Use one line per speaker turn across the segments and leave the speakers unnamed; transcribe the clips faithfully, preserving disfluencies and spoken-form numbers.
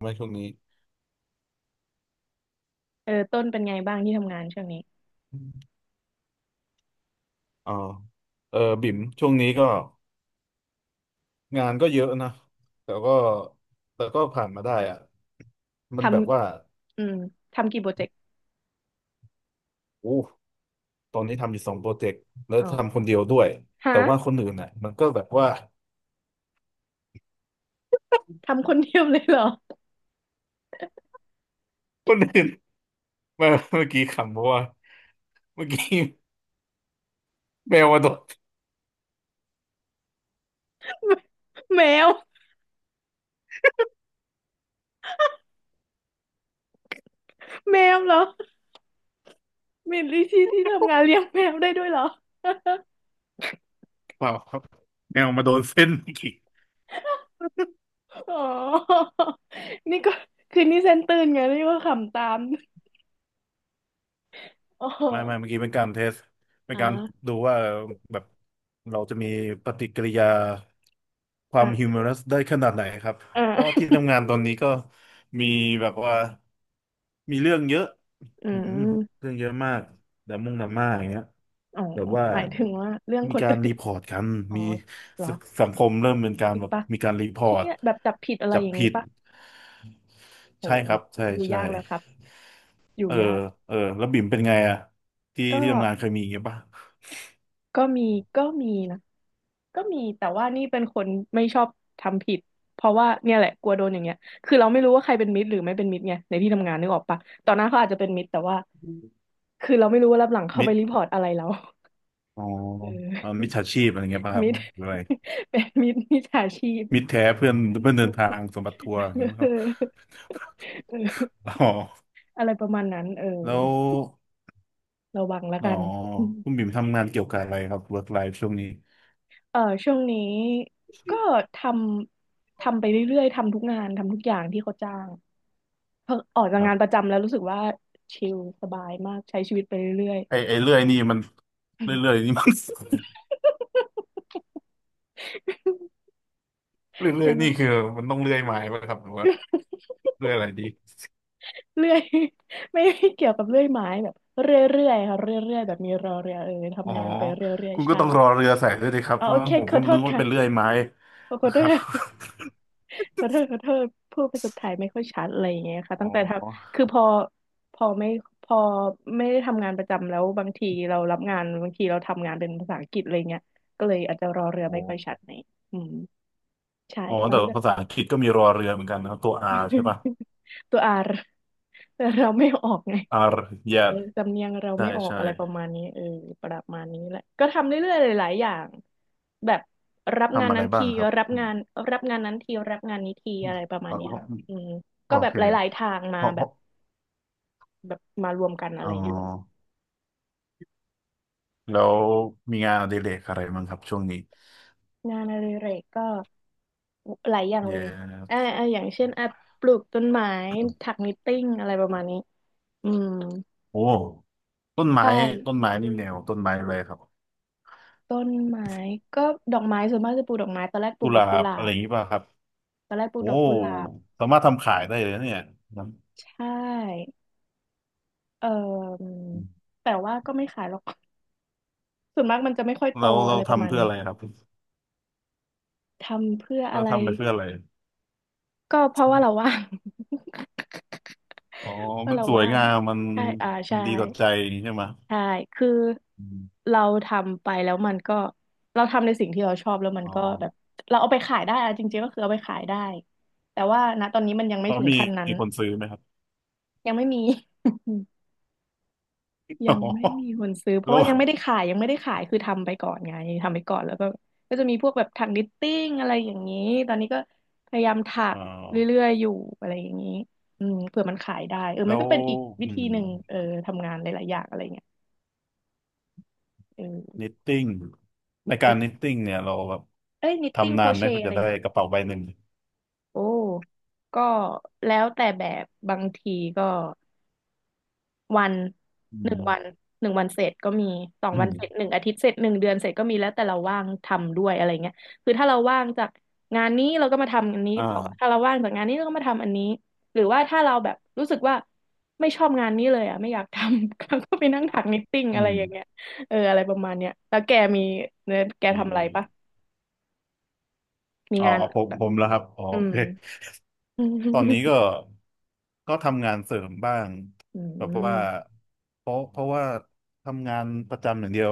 ไหมช่วงนี้
เออต้นเป็นไงบ้างที่ทำงานช่วงนี้
อ๋อเออบิ่มช่วงนี้ก็งานก็เยอะนะแต่ก็แต่ก็ผ่านมาได้อะ
ท
มันแบบว่า
ำอืมทำกี่โปรเจกต์
โอ้ตอนนี้ทำอยู่สองโปรเจกต์แล้ว
อ๋อ
ทำคนเดียวด้วย
ฮะ
แต่ว่าคนอื่นน่ะมันก็แบบว่า
ทำคนเดียวเลยเหรอ
คนอื่น เมาเมื่อกี้ขำเพราะว่าเมื่อกี้ แมวมาโดน
แมวแมวเหรอมีลิชี่ที่ทำงานเลี้ยงแมวได้ด้วยเหรอ
เปล่าครับแมวมาโดนเส้นเมื่อกี้
อ๋อ นี่ก็คือนี่เซนตื่นไงนี่ก็ขำตาม อ๋อ
ไม่ไม่เมื่อกี้เป็นการเทสเป็นการ
อ่า
ดูว่าแบบเราจะมีปฏิกิริยา ควา
อ่
มฮิว
า
มอรัสได้ขนาดไหนครับ
อ่า
ก็ที่ ทำงานตอนนี้ก็มีแบบว่ามีเรื่องเยอะ
อื
อืม
ม
เรื่องเยอะมากดราม่งดราม่าอย่างเงี้ย
อ๋อ
แต่ว่า
หมายถึงว่าเรื่อง
มี
คน
การ
อื่น
รีพอร์ตกัน
อ๋อ
มี
เหร
ส
อ
สังคมเริ่มเป็นกา
จ
ร
ริง
แบบ
ปะ
มีการรีพอ
เชี่
ร์ต
ยแบบจับผิดอะไร
จับ
อย่าง
ผิ
นี้
ด
ปะโห
ใช่ครับใช่
อยู่
ใช่
ยากแล้วครับอยู่
เออ
ยาก
เออแล้วบิ่มเป็นไงอะที่
ก็
ที่ทำงานเคยมีอย่างเงี้ยป่ะ
ก็มีก็มีนะก็มีแต่ว่านี่เป็นคนไม่ชอบทำผิดเพราะว่าเนี่ยแหละกลัวโดนอย่างเงี้ยคือเราไม่รู้ว่าใครเป็นมิตรหรือไม่เป็นมิตรไงในที่ทำงานนึกออกปะตอนนั้นเขาอาจจะเป็นมิตรแต่ว่าคือเราไม่รู้ว่ารับหลังเขา
มิ
ไป
ด
รีพอร์ตอะไรเรา
อ๋อเอ่อ มิ
เออ
จฉาชีพอะไรเงี้ยป่ะครั
มิ
บ
ตร
หรืออะไร
เป็นมิตรมิจฉาชีพ
มิตรแท้เพื่อนเพื่อนเดินทางสมบัติทัวร์อย่าง เงี้ยมั้ง
เอ
ค
อ
รับอ๋อ
อะไรประมาณนั้นเออ
แล้ว
ระวังแล้ว
อ๋อ
กัน
คุณบิ่มทำงานเกี่ยวกับอะไรครับ work life ช่วงนี้
เออช่วงนี้ก็ทำทำไปเรื่อยๆทำทุกงานทำทุกอย่างที่เขาจ้างเพิ่งออกจา
ค
ก
รั
งานป
บ
ระจำแล้วรู้สึกว่าชิลสบายมากใช้ชีวิตไปเรื่อย
ไอไอเลื่อยนี่มันเรื่อยๆนี่มัน
ๆ
เรื่อ
ยั
ย
ง
ๆ
ไง
นี่คือมันต้องเลื่อยไม้ป่ะครับหรือว่า เลื่อยอะไรดี
เรื่อยไม่ไม่เกี่ยวกับเลื่อยไม้แบบเรื่อยๆค่ะเรื่อยๆแบบมีรอเรือเออ
อ๋อ
ทำงานไปเรื่อย
คุณ
ๆ
ก็
ใช่
ต้องรอเรือใส่ด้วยดิครับ
อ๋อ
เพ
โอ
ราะ
เค
งั้นผม
ข
ก็
อโท
นึ
ษ
กว่าเป็นเลื่อย
ค่ะ
ไม้
ขอ
นะ
โท
ครับ
ษ ขอโทษขอโทษพูดภาษาไทยไม่ค่อยชัดอะไรอย่างเงี้ยค่ะ
อ๋
ตั้งแต่ทำ
อ
คือพอพอไม่พอไม่ได้ทำงานประจำแล้วบางทีเรารับงานบางทีเราทำงานเป็นภาษาอังกฤษอะไรเงี้ยก็เลยอาจจะรอเรือ
โอ
ไม่ค่อยชัด
้
หน่อยอืมใช่
อ๋อ
ตอน
แต่
นี้ก็
ภาษาอังกฤษก็มีรอเรือเหมือนกันนะครับตัว R ใช่ป่ะ
ตัวอาแต่ เราไม่ออกไง
R แย่
เออสำเนียงเรา
ได้
ไม่ออก
ใช่
อะไรประมาณนี้เออประมาณนี้แหละก็ทำเรื่อยๆหลายๆอย่างแบบรับงา
ทำ
น
อะไร
นั้น
บ้า
ที
งครับ
รับ
อืม
งานรับงานนั้นทีรับงานนี้ทีอะไรประมาณ
อ๋อ
เนี้ยอืม
โอ
ก็แบบ
เค
หลายๆทาง
เพ
มา
ราะเพ
แบบ
ราะ
แบบมารวมกันอะไร
อ๋อ
เงี้ย
แล้วมีงานอดิเรกอะไรบ้างครับช่วงนี้
งานอดิเรกก็หลายอย่าง
เย
เลยอ่า
้
อ่าอย่างเช่นอ่ะปลูกต้นไม้ถักนิตติ้งอะไรประมาณนี้อืม
โอ้ต้นไม้
ใช่
ต้นไม้นี่แนวต้นไม้อะไรครับ
ต้นไม้ก็ดอกไม้ส่วนมากจะปลูกดอกไม้ตอนแรกปลู
กุ
ก
ห
ดอ
ลา
กกุห
บ
ลา
อะไร
บ
อย่างนี้ป่ะครับ
ตอนแรกปลูก
โอ้
ดอกกุหลาบ
สามารถทำขายได้เลยนะเนี่ยนะ
ใช่ เอ่อแต่ว่าก็ไม่ขายหรอก ส่วนมากมันจะไม่ค่อยโต
เรา
อะ
เรา
ไรประ
ทำ
มาณ
เพื่อ
นี้
อะไรครับ
ทำเพื่ออะ
เรา
ไร
ทำไปเพื่ออะไร
ก็เพราะว่าเราว่าง
อ๋อ
เพราะ
มัน
เรา
สวย
ว่าง
งามมัน
ใช่อ่า
มั
ใช่
นดีต่อใจอย่างนี้ใช่ไหม
ใช่คือ
อืม
เราทำไปแล้วมันก็เราทำในสิ่งที่เราชอบแล้วมัน
อ๋อ
ก็แบบเราเอาไปขายได้อะจริงๆก็คือเอาไปขายได้แต่ว่าณตอนนี้มันยังไม่
แล้ว
ถึง
มี
ขั้นนั้น
มีคนซื้อไหมครับ
ยังไม่มี ยั
อ๋อ
งไม่มีคนซื้อเพราะ
แล้ว
ว่ายังไม่ได้ขายยังไม่ได้ขายคือทำไปก่อนไงทำไปก่อนแล้วก็ก็จะมีพวกแบบถักนิตติ้งอะไรอย่างนี้ตอนนี้ก็พยายามถัก
อ๋อ
เรื่อยๆอยู่อะไรอย่างนี้อืมเผื่อมันขายได้เออมั
แล้
น
ว
ก็เป็นอีกวิ
อื
ธี
ม
หนึ่งเออทำงานหลายๆอย่างอะไรเงี้ยเอ
นิ
อ
ตติ้งในกา
แล้
ร
ว
นิตติ้งเนี่ยเราแบบ
เอ้ยนิตติ้ง
ทำ
โค
นา
ร
นไห
เช
มเพื่
ต์
อ
อะ
จะ
ไร
ได้
เงี้ย
กระเป๋าใบหนึ่ง
โอ้ก็แล้วแต่แบบบางทีก็ วัน
อื
หนึ่งวัน
ม
หนึ่งวันเสร็จก็มีสอง
อื
วัน
ม
เสร็จหนึ่งอาทิตย์เสร็จหนึ่งเดือนเสร็จก็มีแล้วแต่เราว่างทำด้วยอะไรเงี้ยคือถ้าเราว่างจากงานนี้เราก็มาทำอันนี้
อ
ต่อถ้า
่า
เราว่างจากงานนี้เราก็มาทำอันนี้หรือว่าถ้าเราแบบรู้สึกว่าไม่ชอบงานนี้เลยอ่ะไม่อยากทำ ก็ไปนั่งถักนิตติ้ง
อื
อะไร
ม
อย่างเงี้ยเอออะไรประมาณเนี้ยแล้วแกมีเนี่ยแก
ดี
ทำอะไร
ดี
ปะมี
อ๋อ
งาน
ผม
แบบ
ผมแล้วครับอ๋อ
อื
โอ
ม
เคตอนนี้ ก็ก็ทำงานเสริมบ้าง
อื
แบบว่า
ม
เพราะเพราะว่าทำงานประจำอย่างเดียว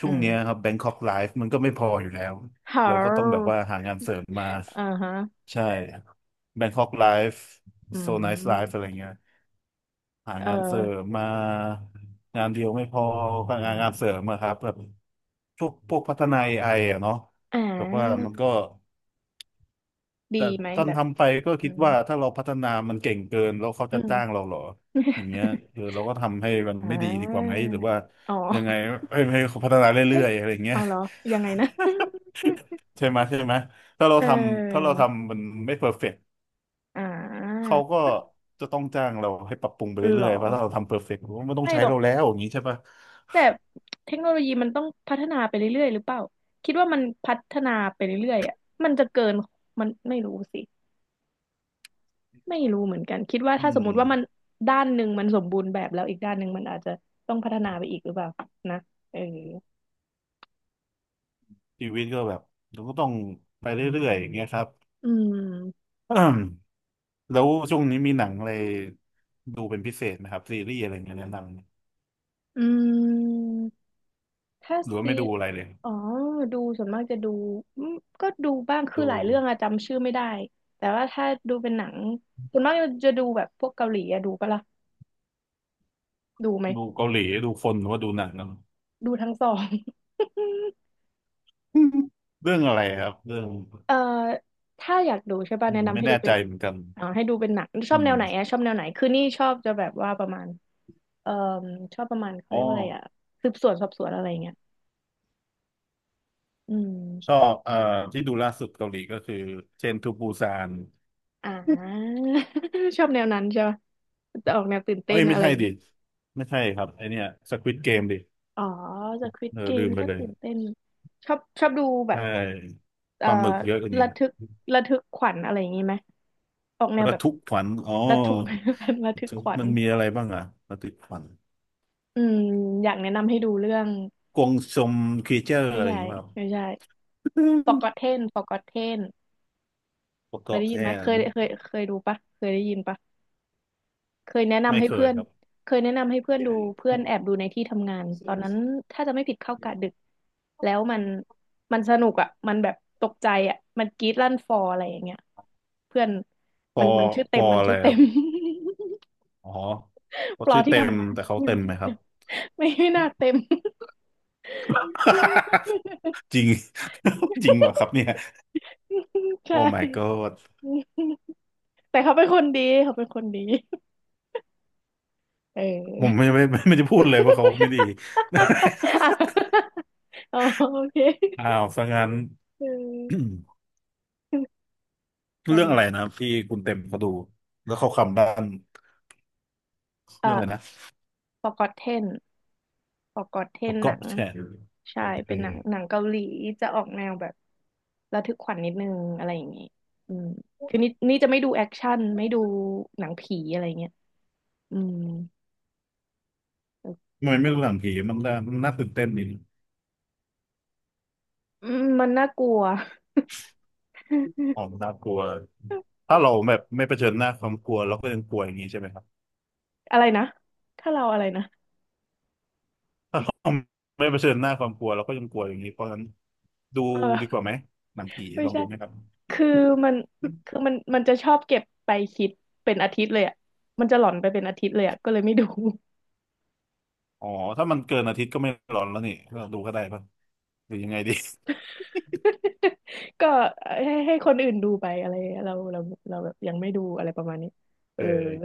ช่
อื
วงเนี้ย
ม
ครับ Bangkok Life มันก็ไม่พออยู่แล้ว
เฮา
เราก็ต้องแบบว่าหางานเสริมมา
อ่าฮะ
ใช่ Bangkok Life
อื
So Nice Life อะไร
ม
เงี้ย หา
เออ
งานเสริมมางานเดียวไม่พอก็งานงานเสริมอะครับแบบพวกพวกพัฒนา เอ ไอ อไออะเนาะ
อ่
แบบว่า
า
มันก็
ดี
แต่
ไหม
ตอน
แบบ
ทำไปก็
อื
คิด
ม
ว่าถ้าเราพัฒนามันเก่งเกินแล้วเขา
อื
จะ
ม
จ้างเราเหรออย่างเงี้ยคือ เราก็ทำให้มัน
อ่า
ไม่ดีดีกว่าไหมหรือว่า
อ๋อ
ยังไงให้ให้เขาพัฒนาเรื่
เอ๊ะ
อยๆอะไรอย่างเงี้ย
เอาเหรอยังไงนะ
ใช่ไหมใช่ไหมถ้าเรา
เ
ทำถ้าเรา
ออ
ทำมันไม่เพอร์เฟกต์
อ่า
เขาก็จะต้องจ้างเราให้ปรับปรุงไป
เหร
เรื่อ
อ
ยๆเพราะถ้าเราทำเพอร์เฟกต์มันไม่ต้อง
ไม่
ใช้
หรอก
เราแล้วอย่างนี้ใช่ปะ
แต่เทคโนโลยีมันต้องพัฒนาไปเรื่อยๆหรือเปล่าคิดว่ามันพัฒนาไปเรื่อยๆอ่ะมันจะเกินมันไม่รู้สิไม่รู้เหมือนกันคิดว่า
อื
ถ้าสม
ม
มติว่ามันด้านหนึ่งมันสมบูรณ์แบบแล้วอีกด้านหนึ่งมันอาจจะต้องพัฒนาไปอีกหรือเปล่านะเออ
ชีวิตก็แบบเราก็ต้องไปเรื่อยๆอย่างเงี้ยครับ
อืม
แล้วช่วงนี้มีหนังอะไรดูเป็นพิเศษไหมครับซีรีส์อะไรเงี้ยแนะน
อืม ถ้า
ำหรือว่า
ซี
ไม่ดูอะไรเลย
อ๋อดูส่วนมากจะดูอืมก็ดูบ้างคือ
ดู
หลายเรื่องอะจำชื่อไม่ได้ แต่ว่าถ้าดูเป็นหนังส่วนมากจะดูแบบพวกเกาหลีอะดูปะล่ะดูไหม
ดูเกาหลีดูคนหรือว่าดูหนังนะ
ดูทั้งสอง
เรื่องอะไรครับเรื่อง
เอ่อถ้าอยากดูใช่ป่ะ
อื
แนะ
ม
นำ
ไม่
ให้ดู
แน่
เป็
ใจ
น
เหมือนกัน
อ่าให้ดูเป็นหนังชอ
อื
บแน
ม
วไหนอะชอบแนวไหนคือนี่ชอบจะแบบว่าประมาณเอ่อชอบประมาณเขา
อ๋อ
เรียกว่าอะไรอะสืบสวนสอบสวนอะไรอย่างเงี้ยอื
ชอ
ม
บเอ่อที่ดูล่าสุดเกาหลีก็คือเชนทูปูซาน
อ่า ชอบแนวนั้นใช่ป่ะจะออกแนวตื่นเต้
เอ้
น
ยไม่
อะไร
ใช่
อย่าง
ดิ
เงี้ย
ไม่ใช่ครับไอเนี้ยสควิดเกมดิ
อ๋อ The Squid
เออลื
Game
มไป
ก็
เลย
ตื่นเต้นชอบชอบดูแบบ
ใช่
เอ่
ป
อ
ลาหมึกเยอะกว่านี้
ระทึกระทึกขวัญอะไรอย่างนี้ไหมออกแนว
ระ
แบบ
ทึกขวัญอ๋อ
ระทึก ระทึกขวัญ
มันมีอะไรบ้างอะระทึกขวัญ
อืมอยากแนะนำให้ดูเรื่อง
กวงซมครีเจอร์
ไม่
อะไรอ
ใช่
ย่างเงี้ยครับ
ไม่ใช่ Forgotten Forgotten
ประ
เค
ก
ย
อบ
ได้ยิ
แท
นไหมเค
น
ยเคยเคยดูปะเคยได้ยินปะ เคยแนะ
ไม่
นำให้
เค
เพื่
ย
อน
ครับ
เคยแนะนำให้เพื่อนดูเพื่อนแอบดูในที่ทำงานตอนนั้นถ้าจะไม่ผิดเข้ากะดึกแล้วมันมันสนุกอ่ะมันแบบตกใจอ่ะมันกรี๊ดลั่นฟออะไรอย่างเงี้ยเพื่อน
ป
มั
อ
นมันชื่อ
ป
เต็ม
อ
มัน
อะไร
ชื่อ
ค
เต็
รับ
ม
อ๋อ เขา
ปลอ
ชื่อ
ที่
เต็ม
ทำงาน
แต่เขา
มั
เต็
น
ม
ชื่
ไหม
อ
ครั
เต็
บ
มไม่ไม่น่าเต็ม
จริง จริงเหรอครับเนี่ย โอ้
ใช่
my god
แต่เขาเป็นคนดีเขาเป็นคนดีเออ
ผมไม่ไม่ไม่ไม่จะพูดเลยว่าเขาไม่ดี
อ๋อโอเค
อ้าวซะงั้น
เอ อป ระ
เรื่องอะ
มา
ไรนะ
ณ
ที่คุณเต็มเขาดูแล้วเขาคำด้าน
เอ่อ
เรื่องอะไรนะ
Forgotten Forgotten หนั
เกาะ
ง
แฉะ
ใช่
โอเค
เป็นหนังหนังเกาหลีจะออกแนวแบบระทึกขวัญนิดนึงอะไรอย่างงี้อืมคือนี่นี่จะไม่ดูแอคชั่นไม่ดูหนังผีอะไรเงี้ยอืมโอ
ทำไมไม่ดู
เค
หนังผีมันน่ามันน่าตื่นเต้นดี
อืมมันน่ากลัว
อ๋อมันน่ากลัว ถ้าเราแบบไม่เผชิญหน้าความกลัวเราก็ยังกลัวอย่างนี้ใช่ไหมครับ
อะไรนะถ้าเราอะไรนะ
ถ้าเราไม่เผชิญหน้าความกลัวเราก็ยังกลัวอย่างนี้เพราะฉะนั้นดู
เอ
ดีกว่า
อ
ไหมหนังผี
ไม่
ลอง
ใช่
ดูไหมครับ
คือมันคือมันมันจะชอบเก็บไปคิดเป็นอาทิตย์เลยอ่ะมันจะหลอนไปเป็นอาทิตย์เลยอ่ะก็เลยไม่ดู
อ๋อถ้ามันเกินอาทิตย์ก็ไม่ร้อนแล้วนี่เราดูก็ได้ป่ะหรือยังไงดี
ก็ให้ให้คนอื่นดูไปอะไรเราเราเราแบบยังไม่ดูอะไรประมาณนี้เอ
เอ
อ
อ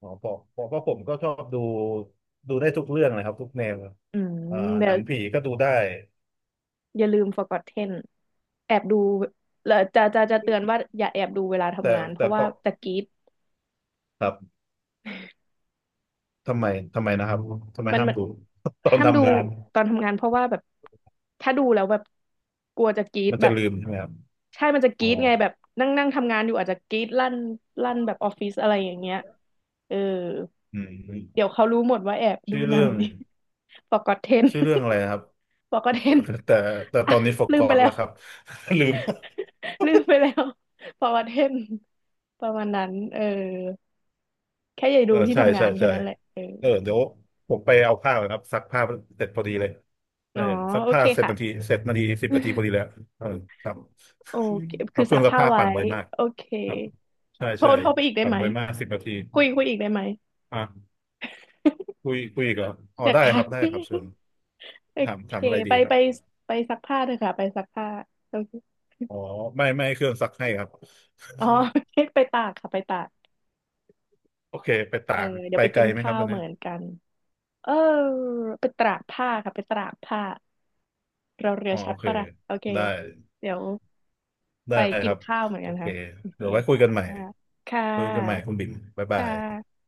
อ๋อเพราะเพราะเพราะผมก็ชอบดูดูได้ทุกเรื่องเลยครับทุกแนว
อืม
อ่า
เดี๋
ห
ย
นั
ว
งผีก็ดูได้
อย่าลืม Forgotten แอบดูแล้วจะจะจะเตือนว่าอย่าแอบดูเวลา
แต่
ทำงานเพ
แต่
ราะ
เพ
ว่า
ราะ
จะกรี๊ด
ครับ ทำไมทำไมนะครับทำไม
มัน
ห้าม
มัน
ดู ตอน
ห้ามดู
ทำงาน
ตอนทำงานเพราะว่าแบบถ้าดูแล้วแบบกลัวจะกรี๊ด
มัน
แบ
จะ
บ
ลืมใช่ไหมครับ
ใช่มันจะก
อ๋อ
รี๊ดไงแบบนั่งนั่งทำงานอยู่อาจจะกรี๊ดลั่นลั่นแบบออฟฟิศอะไรอย่างเงี้ยเออ
อื
เดี๋ย
ม
วเขารู้หมดว่าแอบดู
ชื่อ
หนั
เรื่
ง
อง
นี้ ปอกอดเทน
ชื่อเรื่องอะไรนะครับ
ปอกอดเทน
แต่แต่แต่ ต
อ่ะ
อนนี้
ลืมไป
forgot
แล้
แล้
ว
วครับ ลืม
ลืมไปแล้ว ปอกอดเทนประมาณนั้นเออแค่อย่า
เอ
ดู
อ
ที่
ใช่
ทำงา
ใช่
นแค่
ใช่
นั้นแหละเออ
เออเดี๋ยวผมไปเอาผ้าก่อนครับซักผ้าเสร็จพอดีเลย
อ๋
ใช่
อ
ซัก
โอ
ผ้า
เค
เสร็จนาที
ค่ะ
เสร็จนาทีสิบนาทีพอดีแล้วเออครับ
โอเค
ครั
คือ
บเค
ซั
รื่อ
ก
งซัก
ผ้า
ผ้า
ไว้
ปั่นไวมาก
โอเค
ครับใช่
โทร
ใช่
โทรไปอีกได้
ปั่น
ไหม
ไวมากสิบนาที
คุยคุยอีกได้ไหม
อ่ะคุ ยคุยอีกเหรออ๋อ
อยาก
ได้ค
ทั
รั
ก
บได้ครับเชิญ
โอ
ถาม
เค
ถามอะไร
ไป
ดีครั
ไป
บ
ไปซักผ้าเถอะค่ะไปซักผ้าโอเค
อ๋อไม่ไม่ให้เครื่องซักให้ครับ
อ๋อ ไปตากค่ะไปตาก
โอเคไปตา
เออ
ก
เดี๋ย
ไป
วไป
ไก
กิ
ล
น
ไหมครั
ข้า
บ
ว
วัน
เห
เนี้
มื
ย
อนกันเออไปตากผ้าค่ะไปตากผ้าเราเรือ
อ๋อ
ชั
โอ
ด
เค
ปะล่ะโอเค
ได้
เดี๋ยว
ได้
ไปกิ
ค
น
รับ
ข้าวเหมือน
โอ
กัน
เค
ค่ะโอเค
เดี๋ยวไว้คุย
ค่ะ
กันใหม่
ค่
คุยกันใหม่คุ
ะ
ณบิ่มบ๊ายบา
ค่
ย
ะ